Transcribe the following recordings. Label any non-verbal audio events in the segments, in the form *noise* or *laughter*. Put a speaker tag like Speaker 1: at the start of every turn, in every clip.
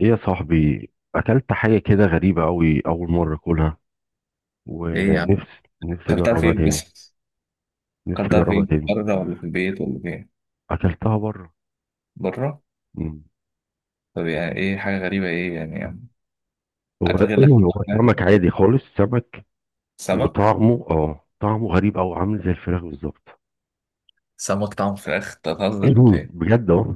Speaker 1: ايه يا صاحبي. اكلت حاجه كده غريبه قوي، اول مره اكلها.
Speaker 2: ايه يا عم،
Speaker 1: ونفسي نفسي
Speaker 2: اكلتها
Speaker 1: اجربها
Speaker 2: فين
Speaker 1: تاني.
Speaker 2: بس؟
Speaker 1: نفسي
Speaker 2: اكلتها
Speaker 1: اجربها
Speaker 2: فين،
Speaker 1: تاني.
Speaker 2: بره ولا في البيت ولا فين؟
Speaker 1: اكلتها بره.
Speaker 2: بره.
Speaker 1: مم.
Speaker 2: طب يعني ايه حاجه غريبه؟ ايه يعني؟
Speaker 1: هو
Speaker 2: اكل غير
Speaker 1: ايه،
Speaker 2: الاكل اللي
Speaker 1: هو
Speaker 2: إحنا
Speaker 1: سمك
Speaker 2: بناكله.
Speaker 1: عادي خالص سمك.
Speaker 2: سمك.
Speaker 1: وطعمه اه طعمه غريب، او عامل زي الفراخ بالظبط.
Speaker 2: سمك طعم فراخ؟ أنت
Speaker 1: *clears throat*
Speaker 2: بتهزر ولا
Speaker 1: مم.
Speaker 2: ايه؟
Speaker 1: بجد اه.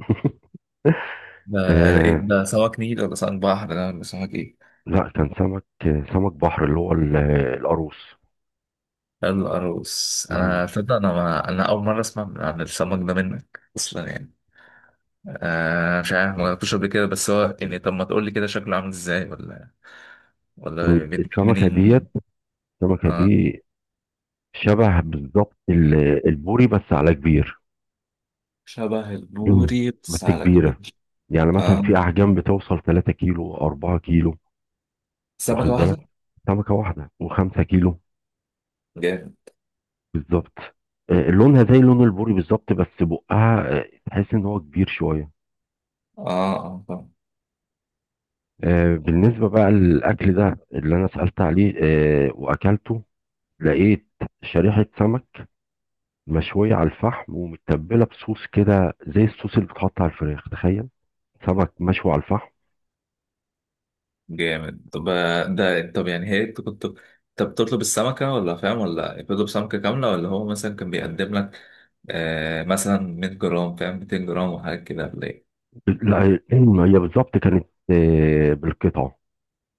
Speaker 1: *laughs*
Speaker 2: ده ده إيه؟
Speaker 1: آه.
Speaker 2: ده سمك نيل ولا سمك بحر ده، ولا سمك ايه؟
Speaker 1: لا كان سمك. سمك بحر اللي هو القاروص.
Speaker 2: القاروص.
Speaker 1: مم.
Speaker 2: انا تصدق انا ما... انا اول مره اسمع عن السمك ده منك اصلا يعني. آه مش عارف، ما جربتوش قبل كده. بس هو يعني، طب ما تقول لي كده شكله عامل ازاي، ولا
Speaker 1: مم.
Speaker 2: ولا بيتجمع منين؟
Speaker 1: السمكه
Speaker 2: اه.
Speaker 1: دي شبه بالظبط البوري، بس على كبير.
Speaker 2: شبه
Speaker 1: مم.
Speaker 2: البوري
Speaker 1: بس
Speaker 2: بس على
Speaker 1: كبيره.
Speaker 2: كبير.
Speaker 1: يعني مثلا
Speaker 2: اه،
Speaker 1: في احجام بتوصل 3 كيلو 4 كيلو. واخد
Speaker 2: سمكة
Speaker 1: بالك،
Speaker 2: واحدة؟
Speaker 1: سمكه واحده و5 كيلو.
Speaker 2: جامد.
Speaker 1: بالظبط. لونها زي لون البوري بالظبط، بس بقها تحس ان هو كبير شويه.
Speaker 2: اه اه طبعا.
Speaker 1: بالنسبه بقى للاكل ده اللي انا سالت عليه واكلته، لقيت شريحه سمك مشويه على الفحم ومتبله بصوص كده، زي الصوص اللي بيتحط على الفراخ. تخيل، سمك مشوي على الفحم.
Speaker 2: جامد. طب آه، ده طب يعني هي انت كنت، طب بتطلب السمكة، ولا فاهم، ولا بتطلب سمكة كاملة، ولا هو مثلا كان بيقدم لك مثلا 100 جرام، فاهم، 200 جرام وحاجات كده، ولا ايه؟
Speaker 1: لا، هي بالظبط كانت بالقطعه.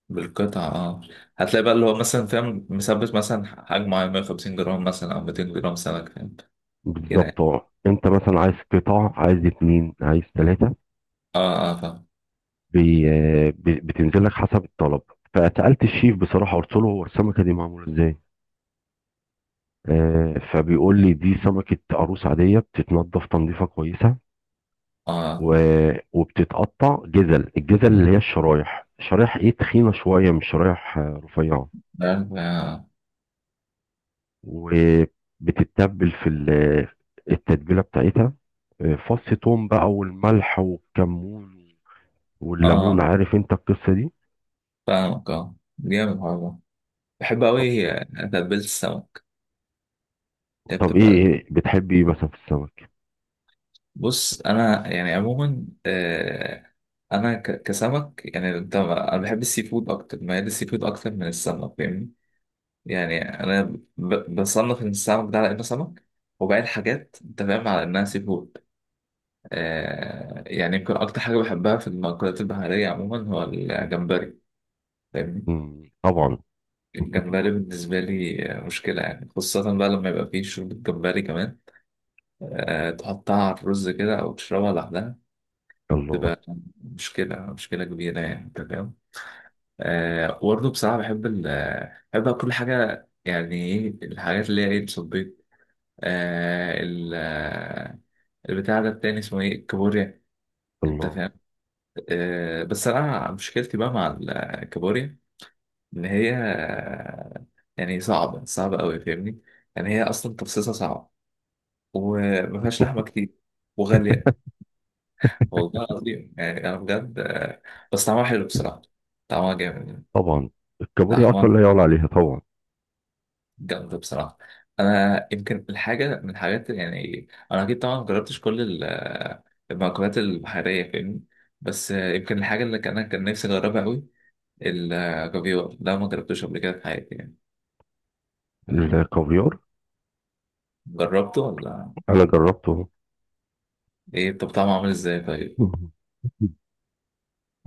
Speaker 2: بالقطعة، اه. هتلاقي بقى اللي هو مثلا فاهم، مثبت مثلا حجم معين، 150 جرام مثلا او 200 جرام سمك، فاهم، كده
Speaker 1: بالظبط،
Speaker 2: يعني.
Speaker 1: انت مثلا عايز قطع، عايز اتنين، عايز تلاتة.
Speaker 2: اه اه فاهم.
Speaker 1: بتنزل لك حسب الطلب. فسألت الشيف بصراحة، قلت له هو السمكة دي معمولة ازاي. فبيقول لي دي سمكة عروس عادية، بتتنضف تنظيفة كويسة و...
Speaker 2: اه
Speaker 1: وبتتقطع جزل الجزل، اللي هي الشرايح. شرايح ايه، تخينة شوية، مش شرايح رفيعة.
Speaker 2: عارف، اه
Speaker 1: وبتتبل في التتبيلة بتاعتها، فص توم بقى والملح والكمون
Speaker 2: اه.
Speaker 1: والليمون. عارف انت القصة دي.
Speaker 2: فاهمك. اه جامد والله. بحب أوي تتبيلة السمك، هي
Speaker 1: طب ايه
Speaker 2: بتبقى.
Speaker 1: ايه بتحب، ايه مثلا في السمك؟
Speaker 2: بص انا يعني عموما آه، انا كسمك، يعني انت، انا بحب السي فود اكتر، ميال السي فود اكتر من السمك، فاهمني. يعني انا بصنف ان السمك ده على انه سمك، وباقي الحاجات انت فاهم على انها سي فود. آه، يعني يمكن اكتر حاجه بحبها في المأكولات البحريه عموما هو الجمبري، فاهمني.
Speaker 1: مم. طبعا.
Speaker 2: الجمبري بالنسبه لي آه، مشكله يعني، خاصه بقى لما يبقى فيه شوربه جمبري كمان، آه، تحطها على الرز كده، او تشربها لوحدها.
Speaker 1: الله.
Speaker 2: مشكلة، مشكلة كبيرة يعني، أنت فاهم. آه وبرضه بصراحة بحب ال بحب أكل كل حاجة، يعني إيه الحاجات اللي هي إيه، الصبيط، آه، ال البتاع ده التاني اسمه إيه، الكابوريا، أنت
Speaker 1: الله
Speaker 2: فاهم. آه بس أنا مشكلتي بقى مع الكابوريا، إن هي آه، يعني صعبة أوي، فاهمني. يعني هي أصلا تفصيصها صعب، ومفيهاش لحمة كتير، وغالية، والله العظيم يعني. أنا بجد آه، بس طعمها حلو بصراحة. طعمها جامد يعني.
Speaker 1: طبعا. الكابوريا اصلا
Speaker 2: لحمة
Speaker 1: لا يعلى عليها طبعا.
Speaker 2: جامدة بصراحة. أنا يمكن الحاجة من الحاجات، يعني أنا أكيد طبعا مجربتش كل المأكولات البحرية، فاهمني. بس يمكن الحاجة اللي كان نفسي أجربها أوي، الكافيار ده، ما جربتوش قبل كده في حياتي يعني.
Speaker 1: الكافيار،
Speaker 2: جربته ولا؟
Speaker 1: انا جربته.
Speaker 2: إيه، طب طعمه عامل إزاي
Speaker 1: *laughs*
Speaker 2: طيب؟
Speaker 1: مم.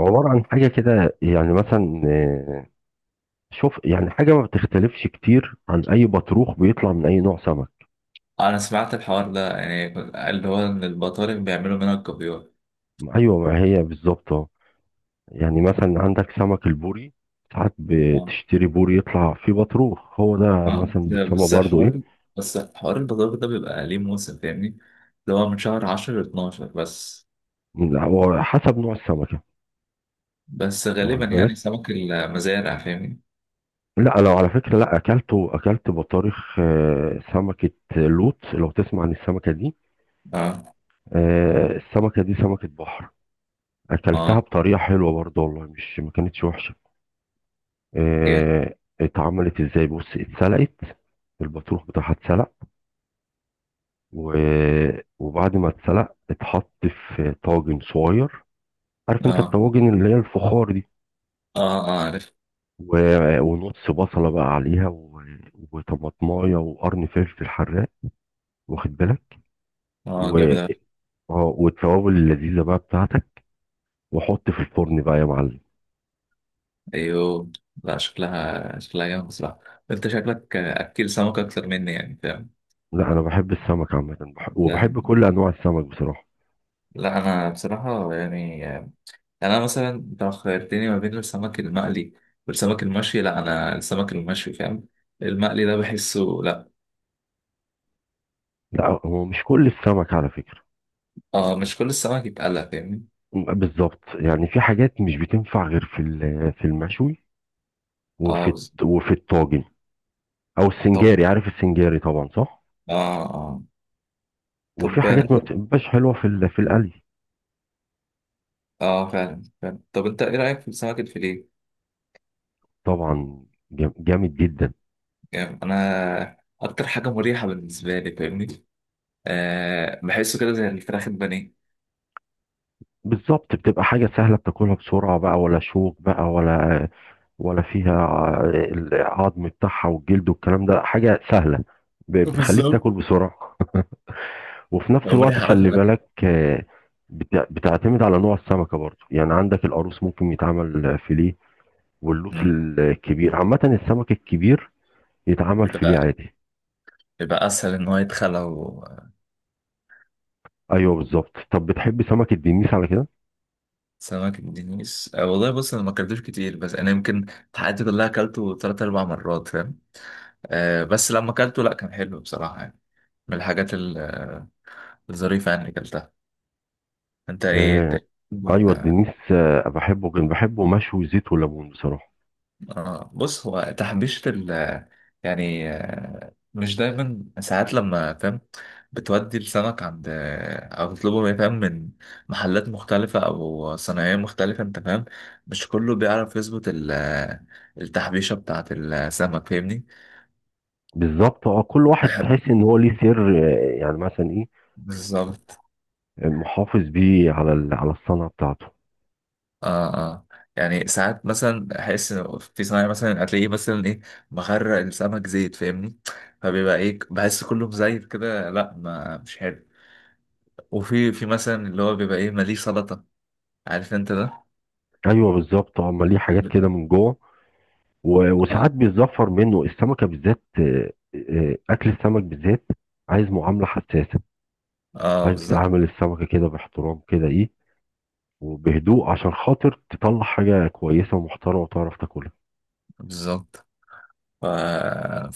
Speaker 1: عبارة عن حاجة كده، يعني مثلا شوف، يعني حاجة ما بتختلفش كتير عن أي بطروخ بيطلع من أي نوع سمك.
Speaker 2: أنا سمعت الحوار ده يعني، اللي هو إن البطارخ بيعملوا منها الكافيار.
Speaker 1: أيوة، ما هي بالظبط أهو. يعني مثلا عندك سمك البوري، ساعات
Speaker 2: آه.
Speaker 1: بتشتري بوري يطلع فيه بطروخ، هو ده
Speaker 2: آه.
Speaker 1: مثلا
Speaker 2: ده
Speaker 1: بتسمى
Speaker 2: بس
Speaker 1: برضه إيه.
Speaker 2: حوار، بس حوار البطارخ ده بيبقى ليه موسم، فاهمني. اللي هو من شهر 10 ل 12 بس.
Speaker 1: لا، هو حسب نوع السمكة.
Speaker 2: بس غالبا
Speaker 1: واخد
Speaker 2: يعني
Speaker 1: بالك.
Speaker 2: سمك المزارع، فاهمني.
Speaker 1: لا، لو على فكرة، لا، أكلت بطارخ سمكة لوط. لو تسمع عن السمكة دي،
Speaker 2: اه
Speaker 1: السمكة دي سمكة بحر. أكلتها
Speaker 2: اه
Speaker 1: بطريقة حلوة برضه، والله مش ما كانتش وحشة.
Speaker 2: جامد.
Speaker 1: آه. اتعملت إزاي؟ بص، اتسلقت. البطروخ بتاعها اتسلق، وبعد ما اتسلق اتحط في طاجن صغير. عارف انت
Speaker 2: اه
Speaker 1: الطواجن اللي هي الفخار دي؟
Speaker 2: اه اه عارف.
Speaker 1: ونص بصلة بقى عليها، وطماطماية وقرن فلفل حراق. واخد بالك.
Speaker 2: اه
Speaker 1: و...
Speaker 2: جامد أوي.
Speaker 1: اه والتوابل اللذيذة بقى بتاعتك، وحط في الفرن بقى يا معلم.
Speaker 2: ايوه. لا شكلها، شكلها جامد بصراحة. انت شكلك اكل سمك اكتر مني يعني، فاهم.
Speaker 1: لا، انا بحب السمك عامة، وبحب
Speaker 2: يعني-
Speaker 1: كل انواع السمك بصراحة.
Speaker 2: لا انا بصراحة يعني، انا مثلا، انت لو خيرتني ما بين السمك المقلي والسمك المشوي، لا انا السمك المشوي فاهم. المقلي ده بحسه لا.
Speaker 1: لا، هو مش كل السمك على فكرة.
Speaker 2: اه مش كل السمك يتقلى، فاهمني.
Speaker 1: بالظبط، يعني في حاجات مش بتنفع غير في المشوي
Speaker 2: اه
Speaker 1: وفي الطاجن، او
Speaker 2: طب
Speaker 1: السنجاري. عارف السنجاري طبعا، صح؟
Speaker 2: اه اه
Speaker 1: وفي
Speaker 2: طب
Speaker 1: حاجات
Speaker 2: انت،
Speaker 1: ما بتبقاش حلوة في القلي.
Speaker 2: اه فعلا فعلا. طب انت ايه رايك في السمك الفيليه؟
Speaker 1: طبعا. جامد جدا.
Speaker 2: يعني انا اكتر حاجه مريحه بالنسبه لي، فاهمني. أه بحسه كده زي الفراخ البانيه.
Speaker 1: بالظبط، بتبقى حاجة سهلة بتاكلها بسرعة بقى، ولا شوك بقى، ولا فيها العظم بتاعها والجلد والكلام ده. حاجة سهلة، بتخليك
Speaker 2: بالظبط،
Speaker 1: تاكل بسرعة وفي نفس
Speaker 2: لو
Speaker 1: الوقت.
Speaker 2: مريح قوي في
Speaker 1: خلي
Speaker 2: الأكل.
Speaker 1: بالك، بتعتمد على نوع السمكة برضو. يعني عندك القاروص ممكن يتعمل فيليه، واللوت
Speaker 2: مم.
Speaker 1: الكبير، عامة السمك الكبير يتعمل فيليه
Speaker 2: بيبقى،
Speaker 1: عادي.
Speaker 2: بيبقى أسهل إن هو يتخلى
Speaker 1: ايوه بالظبط. طب بتحب سمك الدنيس على كده؟
Speaker 2: سمك الدنيس، أه والله بص أنا ما أكلتوش كتير، بس أنا يمكن في حياتي كلها أكلته تلات أربع مرات، فاهم. أه بس لما أكلته لأ كان حلو بصراحة يعني، من الحاجات الظريفة يعني اللي أكلتها. أنت إيه؟ أنت
Speaker 1: آه.
Speaker 2: إيه؟
Speaker 1: ايوه الدنيس، بحبه، كان بحبه مشوي زيت وليمون بصراحة.
Speaker 2: آه بص هو تحبيشة ال، يعني آه، مش دايما، ساعات لما فاهم، بتودي السمك عند آه، أو تطلبه من، فاهم، من محلات مختلفة أو صناعية مختلفة، أنت فاهم، مش كله بيعرف يظبط التحبيشة بتاعة السمك، فاهمني.
Speaker 1: بالظبط، كل واحد
Speaker 2: بحب
Speaker 1: تحس ان هو ليه سر، يعني مثلا ايه،
Speaker 2: بالظبط
Speaker 1: محافظ بيه على الصنعه بتاعته.
Speaker 2: اه اه. يعني ساعات مثلا أحس إن في صناعي مثلا، هتلاقيه مثلا إيه، مغرق السمك زيت، فاهمني. فبيبقى إيه، بحس كله مزيت كده، لا ما مش حلو. وفي، في مثلا اللي هو بيبقى ايه، ماليه سلطة، عارف انت ده.
Speaker 1: ايوه بالظبط. اه أما ليه حاجات كده من جوه،
Speaker 2: اه
Speaker 1: وساعات بيتظفر منه السمكه بالذات. اكل السمك بالذات عايز معامله حساسه.
Speaker 2: اه
Speaker 1: عايز
Speaker 2: بالظبط
Speaker 1: تعامل السمكه كده باحترام، كده ايه، وبهدوء، عشان خاطر تطلع حاجه كويسه ومحترمه وتعرف تاكلها.
Speaker 2: بالظبط. ف...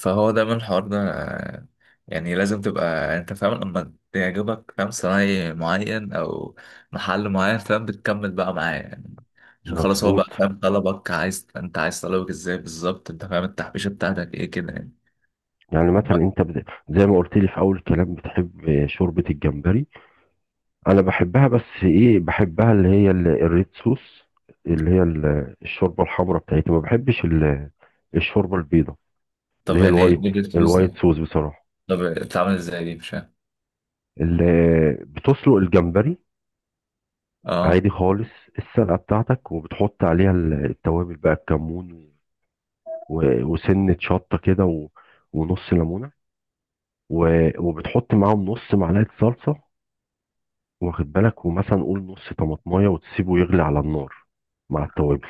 Speaker 2: فهو دايما الحوار ده آه، يعني لازم تبقى انت فاهم، لما تعجبك، فاهم، صنايعي معين او محل معين، فاهم، بتكمل بقى معاه يعني، عشان خلاص هو
Speaker 1: مظبوط.
Speaker 2: بقى فاهم طلبك، عايز انت عايز طلبك ازاي بالظبط، انت فاهم التحبيشة بتاعتك ايه كده يعني.
Speaker 1: يعني مثلا
Speaker 2: ب-
Speaker 1: انت زي ما قلت لي في اول الكلام بتحب شوربه الجمبري. انا بحبها، بس ايه، بحبها اللي هي الريد صوص، اللي هي الشوربه الحمراء بتاعتي. ما بحبش الشوربه البيضاء، اللي
Speaker 2: طب
Speaker 1: هي
Speaker 2: يعني ايه
Speaker 1: الوايت
Speaker 2: بيجي الفلوس
Speaker 1: الوايت
Speaker 2: دي؟
Speaker 1: صوص بصراحه.
Speaker 2: طب بتتعامل ازاي دي؟ مش فاهم.
Speaker 1: اللي بتسلق الجمبري
Speaker 2: اه
Speaker 1: عادي خالص، السلقه بتاعتك، وبتحط عليها التوابل بقى، الكمون وسنه شطه كده ونص ليمونه، وبتحط معاهم نص معلقه صلصه. واخد بالك، ومثلا قول نص طماطمايه، وتسيبه يغلي على النار مع التوابل.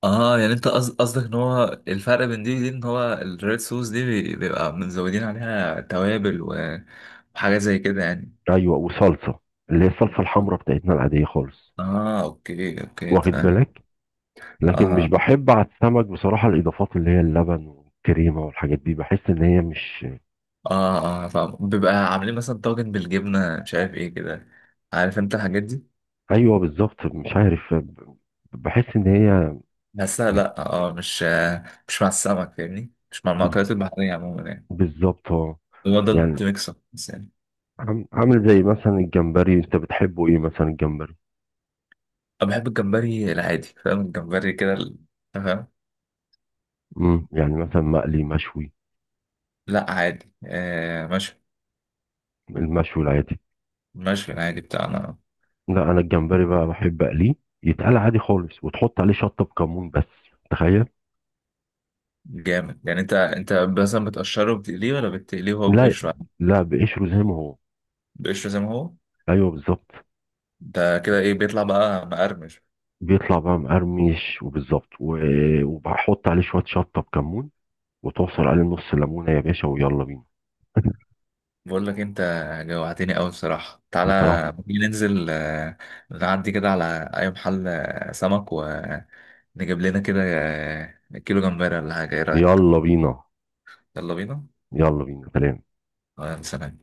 Speaker 2: اه. يعني انت قصدك ان هو الفرق بين دي ودي، ان هو الريد صوص دي بيبقى مزودين عليها توابل وحاجات زي كده يعني.
Speaker 1: ايوه وصلصه، اللي هي الصلصه الحمراء بتاعتنا العاديه خالص.
Speaker 2: اه اوكي اوكي
Speaker 1: واخد
Speaker 2: تمام.
Speaker 1: بالك. لكن مش
Speaker 2: اه
Speaker 1: بحب على السمك بصراحه الاضافات اللي هي اللبن والكريمه والحاجات دي، بحس ان هي مش.
Speaker 2: اه اه فاهم. بيبقى عاملين مثلا طاجن بالجبنة مش عارف ايه كده، عارف انت الحاجات دي.
Speaker 1: ايوه بالظبط. مش عارف، بحس ان هي،
Speaker 2: بس لا، اه مش آه، مش مع السمك فاهمني، مش مع
Speaker 1: بز-
Speaker 2: المأكولات البحرية عموما يعني.
Speaker 1: بالظبط. اه
Speaker 2: هو ده
Speaker 1: يعني
Speaker 2: انت ميكس اب بس يعني.
Speaker 1: عامل زي مثلا الجمبري، انت بتحبه ايه مثلا الجمبري؟
Speaker 2: انا بحب الجمبري العادي، فاهم، الجمبري كده فاهم.
Speaker 1: يعني مثلا مقلي؟ مشوي؟
Speaker 2: لا عادي آه ماشي.
Speaker 1: المشوي العادي.
Speaker 2: المشوي العادي بتاعنا.
Speaker 1: لا، انا الجمبري بقى بحب اقليه، يتقلى عادي خالص، وتحط عليه شطه بكمون بس. تخيل.
Speaker 2: جامد. يعني انت، انت مثلا بتقشره بتقليه، ولا بتقليه هو
Speaker 1: لا.
Speaker 2: بقشره؟
Speaker 1: لا، بقشره زي ما هو.
Speaker 2: بقشره زي ما هو.
Speaker 1: ايوه بالظبط.
Speaker 2: ده كده ايه، بيطلع بقى مقرمش؟
Speaker 1: بيطلع بقى مقرمش، وبالظبط وبحط عليه شويه شطه بكمون، وتعصر عليه نص ليمونه يا باشا، ويلا بينا. *laughs*
Speaker 2: بقول لك انت، جوعتني قوي بصراحه. تعالى،
Speaker 1: بصراحه.
Speaker 2: ممكن ننزل آه، نعدي كده على اي محل آه، سمك، ونجيب لنا كده آه، كيلو جمبري ولا حاجه، ايه رايك؟
Speaker 1: يلا بينا.
Speaker 2: يلا بينا.
Speaker 1: يلا بينا سلام.
Speaker 2: آه، سلام.